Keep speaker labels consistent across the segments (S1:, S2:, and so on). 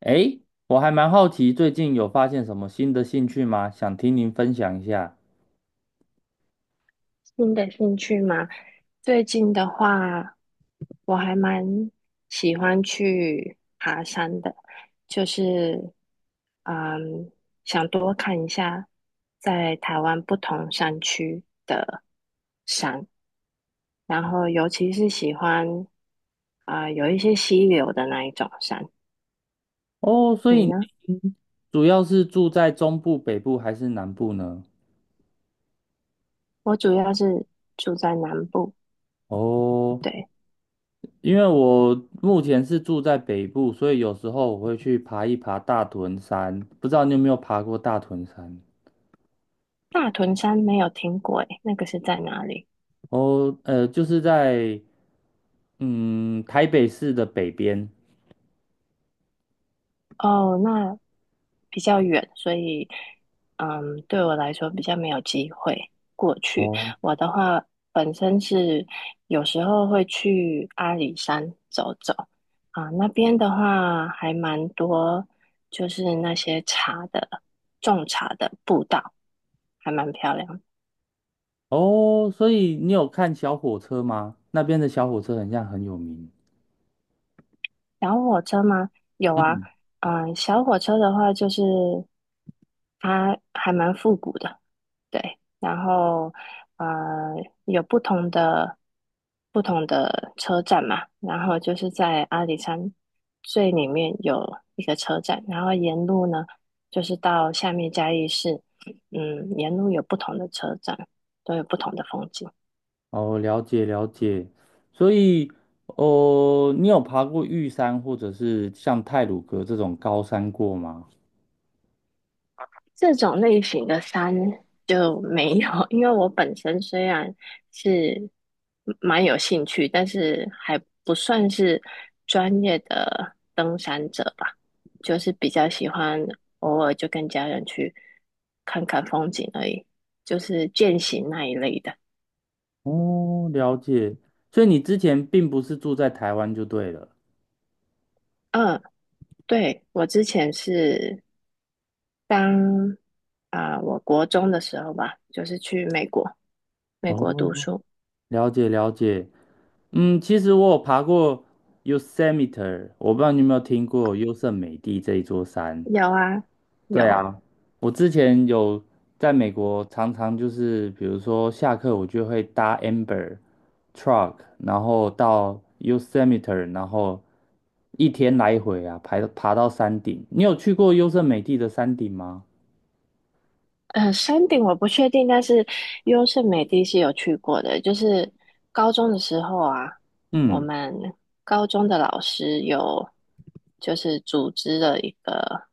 S1: 诶，我还蛮好奇，最近有发现什么新的兴趣吗？想听您分享一下。
S2: 新的兴趣吗？最近的话，我还蛮喜欢去爬山的，就是嗯，想多看一下在台湾不同山区的山，然后尤其是喜欢有一些溪流的那一种山。
S1: 哦，所
S2: 你
S1: 以你
S2: 呢？
S1: 主要是住在中部、北部还是南部呢？
S2: 我主要是住在南部，
S1: 哦，
S2: 对，
S1: 因为我目前是住在北部，所以有时候我会去爬一爬大屯山。不知道你有没有爬过大屯山？
S2: 大屯山没有听过，诶，那个是在哪里？
S1: 哦，就是在台北市的北边。
S2: 哦，那比较远，所以对我来说比较没有机会过去。
S1: 哦，
S2: 我的话，本身是有时候会去阿里山走走啊，那边的话还蛮多，就是那些种茶的步道，还蛮漂亮的。
S1: 哦，所以你有看小火车吗？那边的小火车很像很有名。
S2: 小火车吗？有啊，
S1: 嗯。
S2: 小火车的话就是它还蛮复古的，对，然后呃有不同的车站嘛，然后就是在阿里山最里面有一个车站，然后沿路呢就是到下面嘉义市，沿路有不同的车站，都有不同的风景。
S1: 哦，了解了解，所以，哦，你有爬过玉山或者是像太鲁阁这种高山过吗？
S2: 这种类型的山就没有，因为我本身虽然是蛮有兴趣，但是还不算是专业的登山者吧，就是比较喜欢偶尔就跟家人去看看风景而已，就是健行那一类的。
S1: 哦，了解，所以你之前并不是住在台湾就对了。
S2: 嗯，对，我之前是当我国中的时候吧，就是去美国，美国读
S1: 哦，
S2: 书。
S1: 了解了解，嗯，其实我有爬过 Yosemite,我不知道你有没有听过优胜美地这一座山。
S2: 有啊，
S1: 对
S2: 有，
S1: 啊，我之前有在美国，常常就是比如说下课，我就会搭 Amber truck,然后到 Yosemite,然后一天来回啊，爬到山顶。你有去过优胜美地的山顶吗？
S2: 嗯，山顶我不确定，但是优胜美地是有去过的。就是高中的时候啊，我
S1: 嗯，
S2: 们高中的老师有就是组织了一个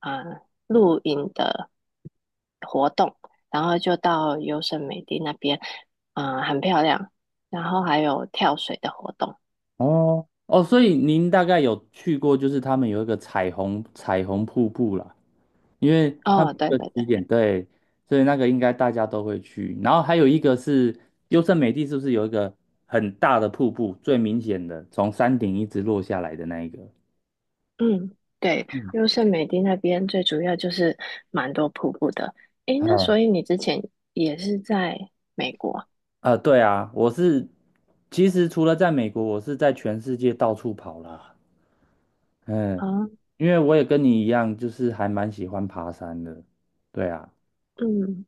S2: 嗯、呃露营的活动，然后就到优胜美地那边，很漂亮。然后还有跳水的活动。
S1: 哦哦，所以您大概有去过，就是他们有一个彩虹瀑布啦。因为它每
S2: 哦，对
S1: 个
S2: 对对。
S1: 起点对，所以那个应该大家都会去。然后还有一个是优胜美地，是不是有一个很大的瀑布，最明显的从山顶一直落下来的那一个？
S2: 嗯，对，
S1: 嗯，
S2: 优胜美地那边最主要就是蛮多瀑布的。诶，那
S1: 啊，
S2: 所以你之前也是在美国
S1: 对啊，我是其实除了在美国，我是在全世界到处跑啦。嗯，
S2: 啊？
S1: 因为我也跟你一样，就是还蛮喜欢爬山的。对啊，
S2: 嗯，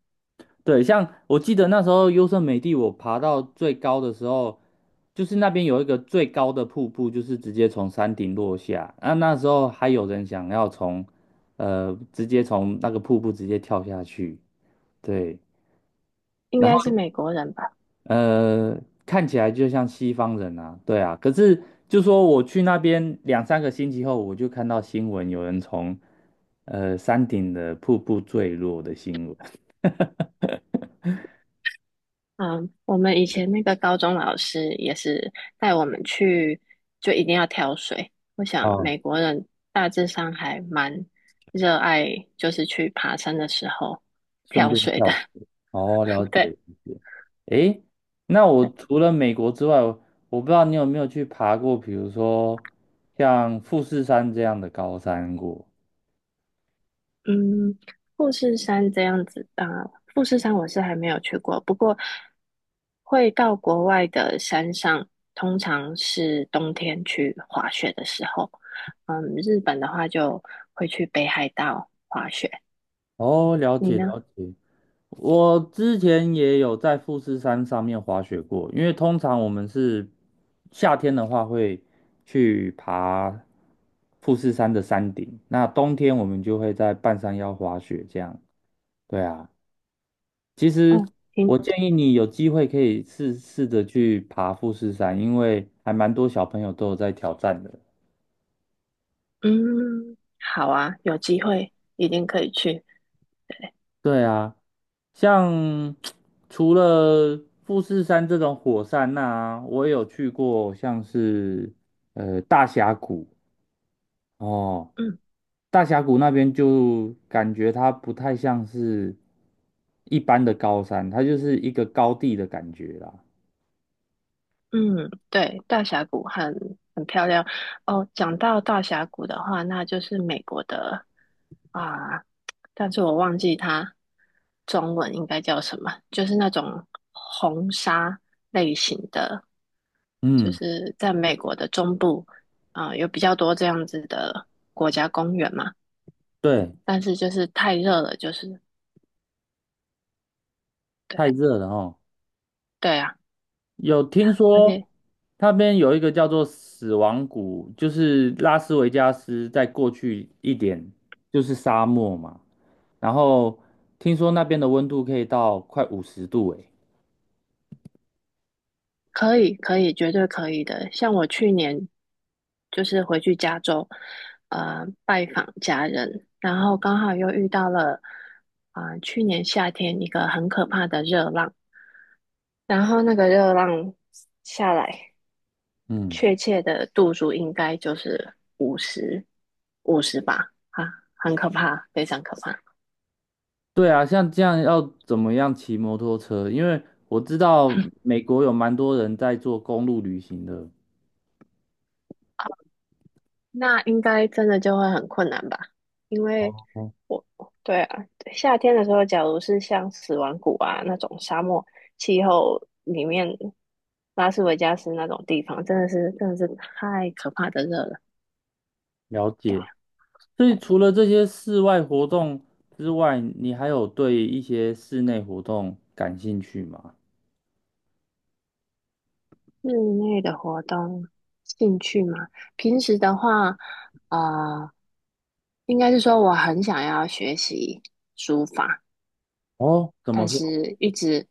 S1: 对，像我记得那时候优胜美地，我爬到最高的时候，就是那边有一个最高的瀑布，就是直接从山顶落下。那时候还有人想要从，直接从那个瀑布直接跳下去。对，
S2: 应
S1: 然
S2: 该是
S1: 后
S2: 美国人吧？
S1: 呃，看起来就像西方人啊，对啊。可是就说我去那边两三个星期后，我就看到新闻有人从山顶的瀑布坠落的新闻。
S2: 啊，我们以前那个高中老师也是带我们去，就一定要挑水。我想
S1: 哦
S2: 美国人大致上还蛮热爱，就是去爬山的时候
S1: 顺
S2: 挑
S1: 便
S2: 水
S1: 跳
S2: 的。
S1: 舞。哦，了
S2: 对
S1: 解
S2: 对，
S1: 了解。诶，那我除了美国之外，我不知道你有没有去爬过，比如说像富士山这样的高山过。
S2: 嗯，富士山这样子，啊，富士山我是还没有去过，不过会到国外的山上，通常是冬天去滑雪的时候。日本的话就会去北海道。
S1: 哦，了
S2: 你
S1: 解
S2: 呢？
S1: 了解。我之前也有在富士山上面滑雪过，因为通常我们是夏天的话会去爬富士山的山顶，那冬天我们就会在半山腰滑雪这样。对啊。其实
S2: 哦，你
S1: 我建议你有机会可以试试着去爬富士山，因为还蛮多小朋友都有在挑战的。
S2: 嗯，好啊，有机会一定可以去。
S1: 对啊，像 除了富士山这种火山呐、我也有去过，像是大峡谷哦，
S2: 嗯。
S1: 大峡谷那边就感觉它不太像是一般的高山，它就是一个高地的感觉啦。
S2: 嗯，对，大峡谷很漂亮哦。讲到大峡谷的话，那就是美国的啊，但是我忘记它中文应该叫什么，就是那种红沙类型的，就
S1: 嗯，
S2: 是在美国的中部啊，有比较多这样子的国家公园嘛。
S1: 对，
S2: 但是就是太热了，就是
S1: 太
S2: 对
S1: 热了哦。
S2: 对啊，
S1: 有听
S2: 而
S1: 说
S2: 且。
S1: 那边有一个叫做死亡谷，就是拉斯维加斯在过去一点就是沙漠嘛，然后听说那边的温度可以到快50度诶。
S2: 可以，可以，绝对可以的。像我去年就是回去加州，拜访家人，然后刚好又遇到了，去年夏天一个很可怕的热浪，然后那个热浪下来，
S1: 嗯，
S2: 确切的度数应该就是五十，五十吧，很可怕，非常可怕。
S1: 对啊，像这样要怎么样骑摩托车？因为我知道美国有蛮多人在做公路旅行的。
S2: 那应该真的就会很困难吧？因为
S1: 哦，
S2: 我，对啊，夏天的时候，假如是像死亡谷啊那种沙漠气候里面，拉斯维加斯那种地方，真的是太可怕的热了。
S1: 了解。所以除了这些室外活动之外，你还有对一些室内活动感兴趣吗？
S2: 室内的活动兴趣嘛，平时的话，呃，应该是说我很想要学习书法，
S1: 哦，怎么
S2: 但
S1: 说？
S2: 是一直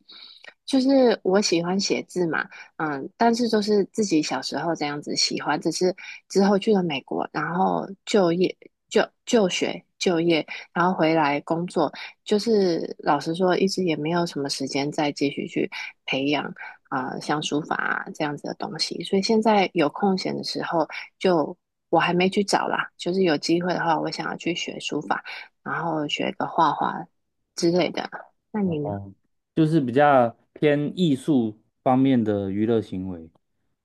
S2: 就是我喜欢写字嘛，但是就是自己小时候这样子喜欢，只是之后去了美国，然后就业、就学、就业，然后回来工作，就是老实说，一直也没有什么时间再继续去培养像书法啊这样子的东西，所以现在有空闲的时候就。我还没去找啦，就是有机会的话，我想要去学书法，然后学个画画之类的。那你呢？
S1: 哦，就是比较偏艺术方面的娱乐行为。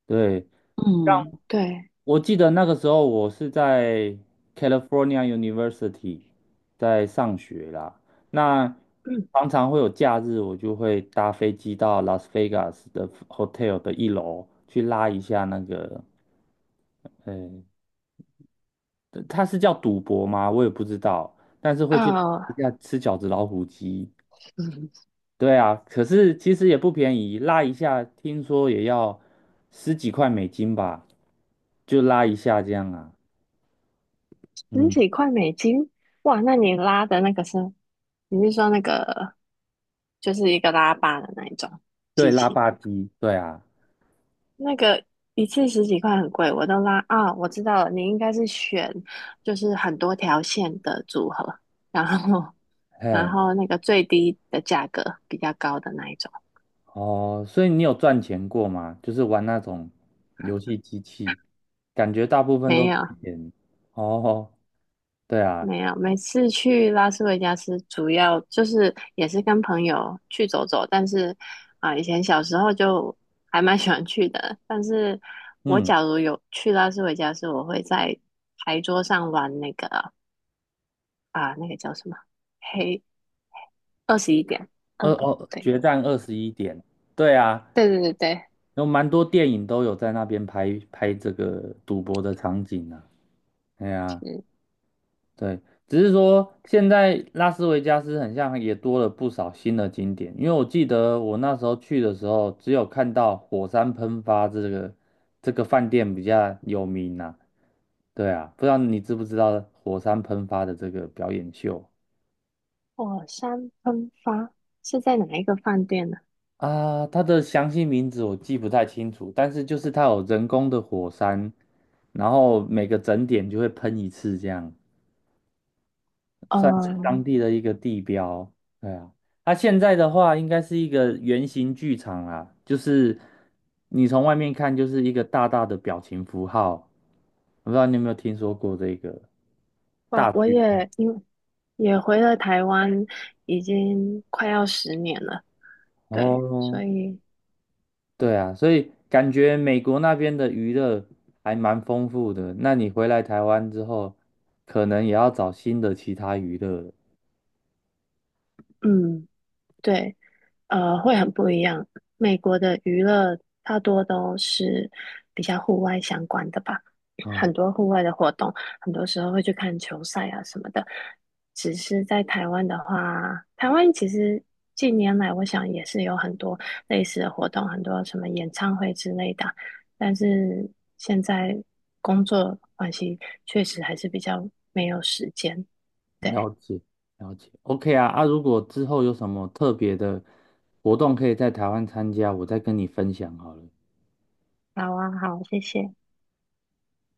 S1: 对，
S2: 嗯，对，
S1: 我记得那个时候我是在 California University 在上学啦，那
S2: 嗯，
S1: 常常会有假日，我就会搭飞机到 Las Vegas 的 hotel 的一楼去拉一下那个，呃，它是叫赌博吗？我也不知道，但是会去拉
S2: 呃，
S1: 一下吃饺子老虎机。
S2: 嗯
S1: 对啊，可是其实也不便宜，拉一下听说也要十几块美金吧，就拉一下这样啊。
S2: 十
S1: 嗯，
S2: 几块美金，哇，那你拉的那个是，你是说那个就是一个拉霸的那一种
S1: 对，
S2: 机
S1: 拉
S2: 器
S1: 霸
S2: 吗？
S1: 机，对啊，
S2: 那个一次十几块很贵，我都拉啊，我知道了，你应该是选就是很多条线的组合，然后然
S1: 嘿，
S2: 后那个最低的价格比较高的那一种，
S1: 哦，所以你有赚钱过吗？就是玩那种游戏机器，感觉大部分
S2: 没
S1: 都
S2: 有，
S1: 亏钱。哦，对啊，
S2: 没有，每次去拉斯维加斯主要就是也是跟朋友去走走，但是以前小时候就还蛮喜欢去的。但是我
S1: 嗯，
S2: 假如有去拉斯维加斯，我会在牌桌上玩那个叫什么黑21点，嗯，
S1: 哦，
S2: 对
S1: 决战21点，对啊，
S2: 对对对对，
S1: 有蛮多电影都有在那边拍拍这个赌博的场景啊。哎啊。对，只是说现在拉斯维加斯很像也多了不少新的景点，因为我记得我那时候去的时候，只有看到火山喷发这个饭店比较有名呐、对啊，不知道你知不知道火山喷发的这个表演秀
S2: 火山喷发是在哪一个饭店呢？
S1: 啊？它的详细名字我记不太清楚，但是就是它有人工的火山，然后每个整点就会喷一次这样。算是当
S2: 嗯，
S1: 地的一个地标。对啊，它现在的话应该是一个圆形剧场啊，就是你从外面看就是一个大大的表情符号，我不知道你有没有听说过这个
S2: 哇，
S1: 大
S2: 我
S1: 剧院
S2: 也因为也回了台湾，已经快要10年了。对，
S1: 哦，
S2: 所以
S1: 对啊，所以感觉美国那边的娱乐还蛮丰富的。那你回来台湾之后，可能也要找新的其他娱乐了。
S2: 嗯，对，会很不一样。美国的娱乐大多都是比较户外相关的吧，
S1: 嗯。
S2: 很多户外的活动，很多时候会去看球赛啊什么的。只是在台湾的话，台湾其实近年来我想也是有很多类似的活动，很多什么演唱会之类的，但是现在工作关系，确实还是比较没有时间。对。
S1: 了解了解，OK 啊啊！如果之后有什么特别的活动可以在台湾参加，我再跟你分享好了。
S2: 好啊，好，谢谢。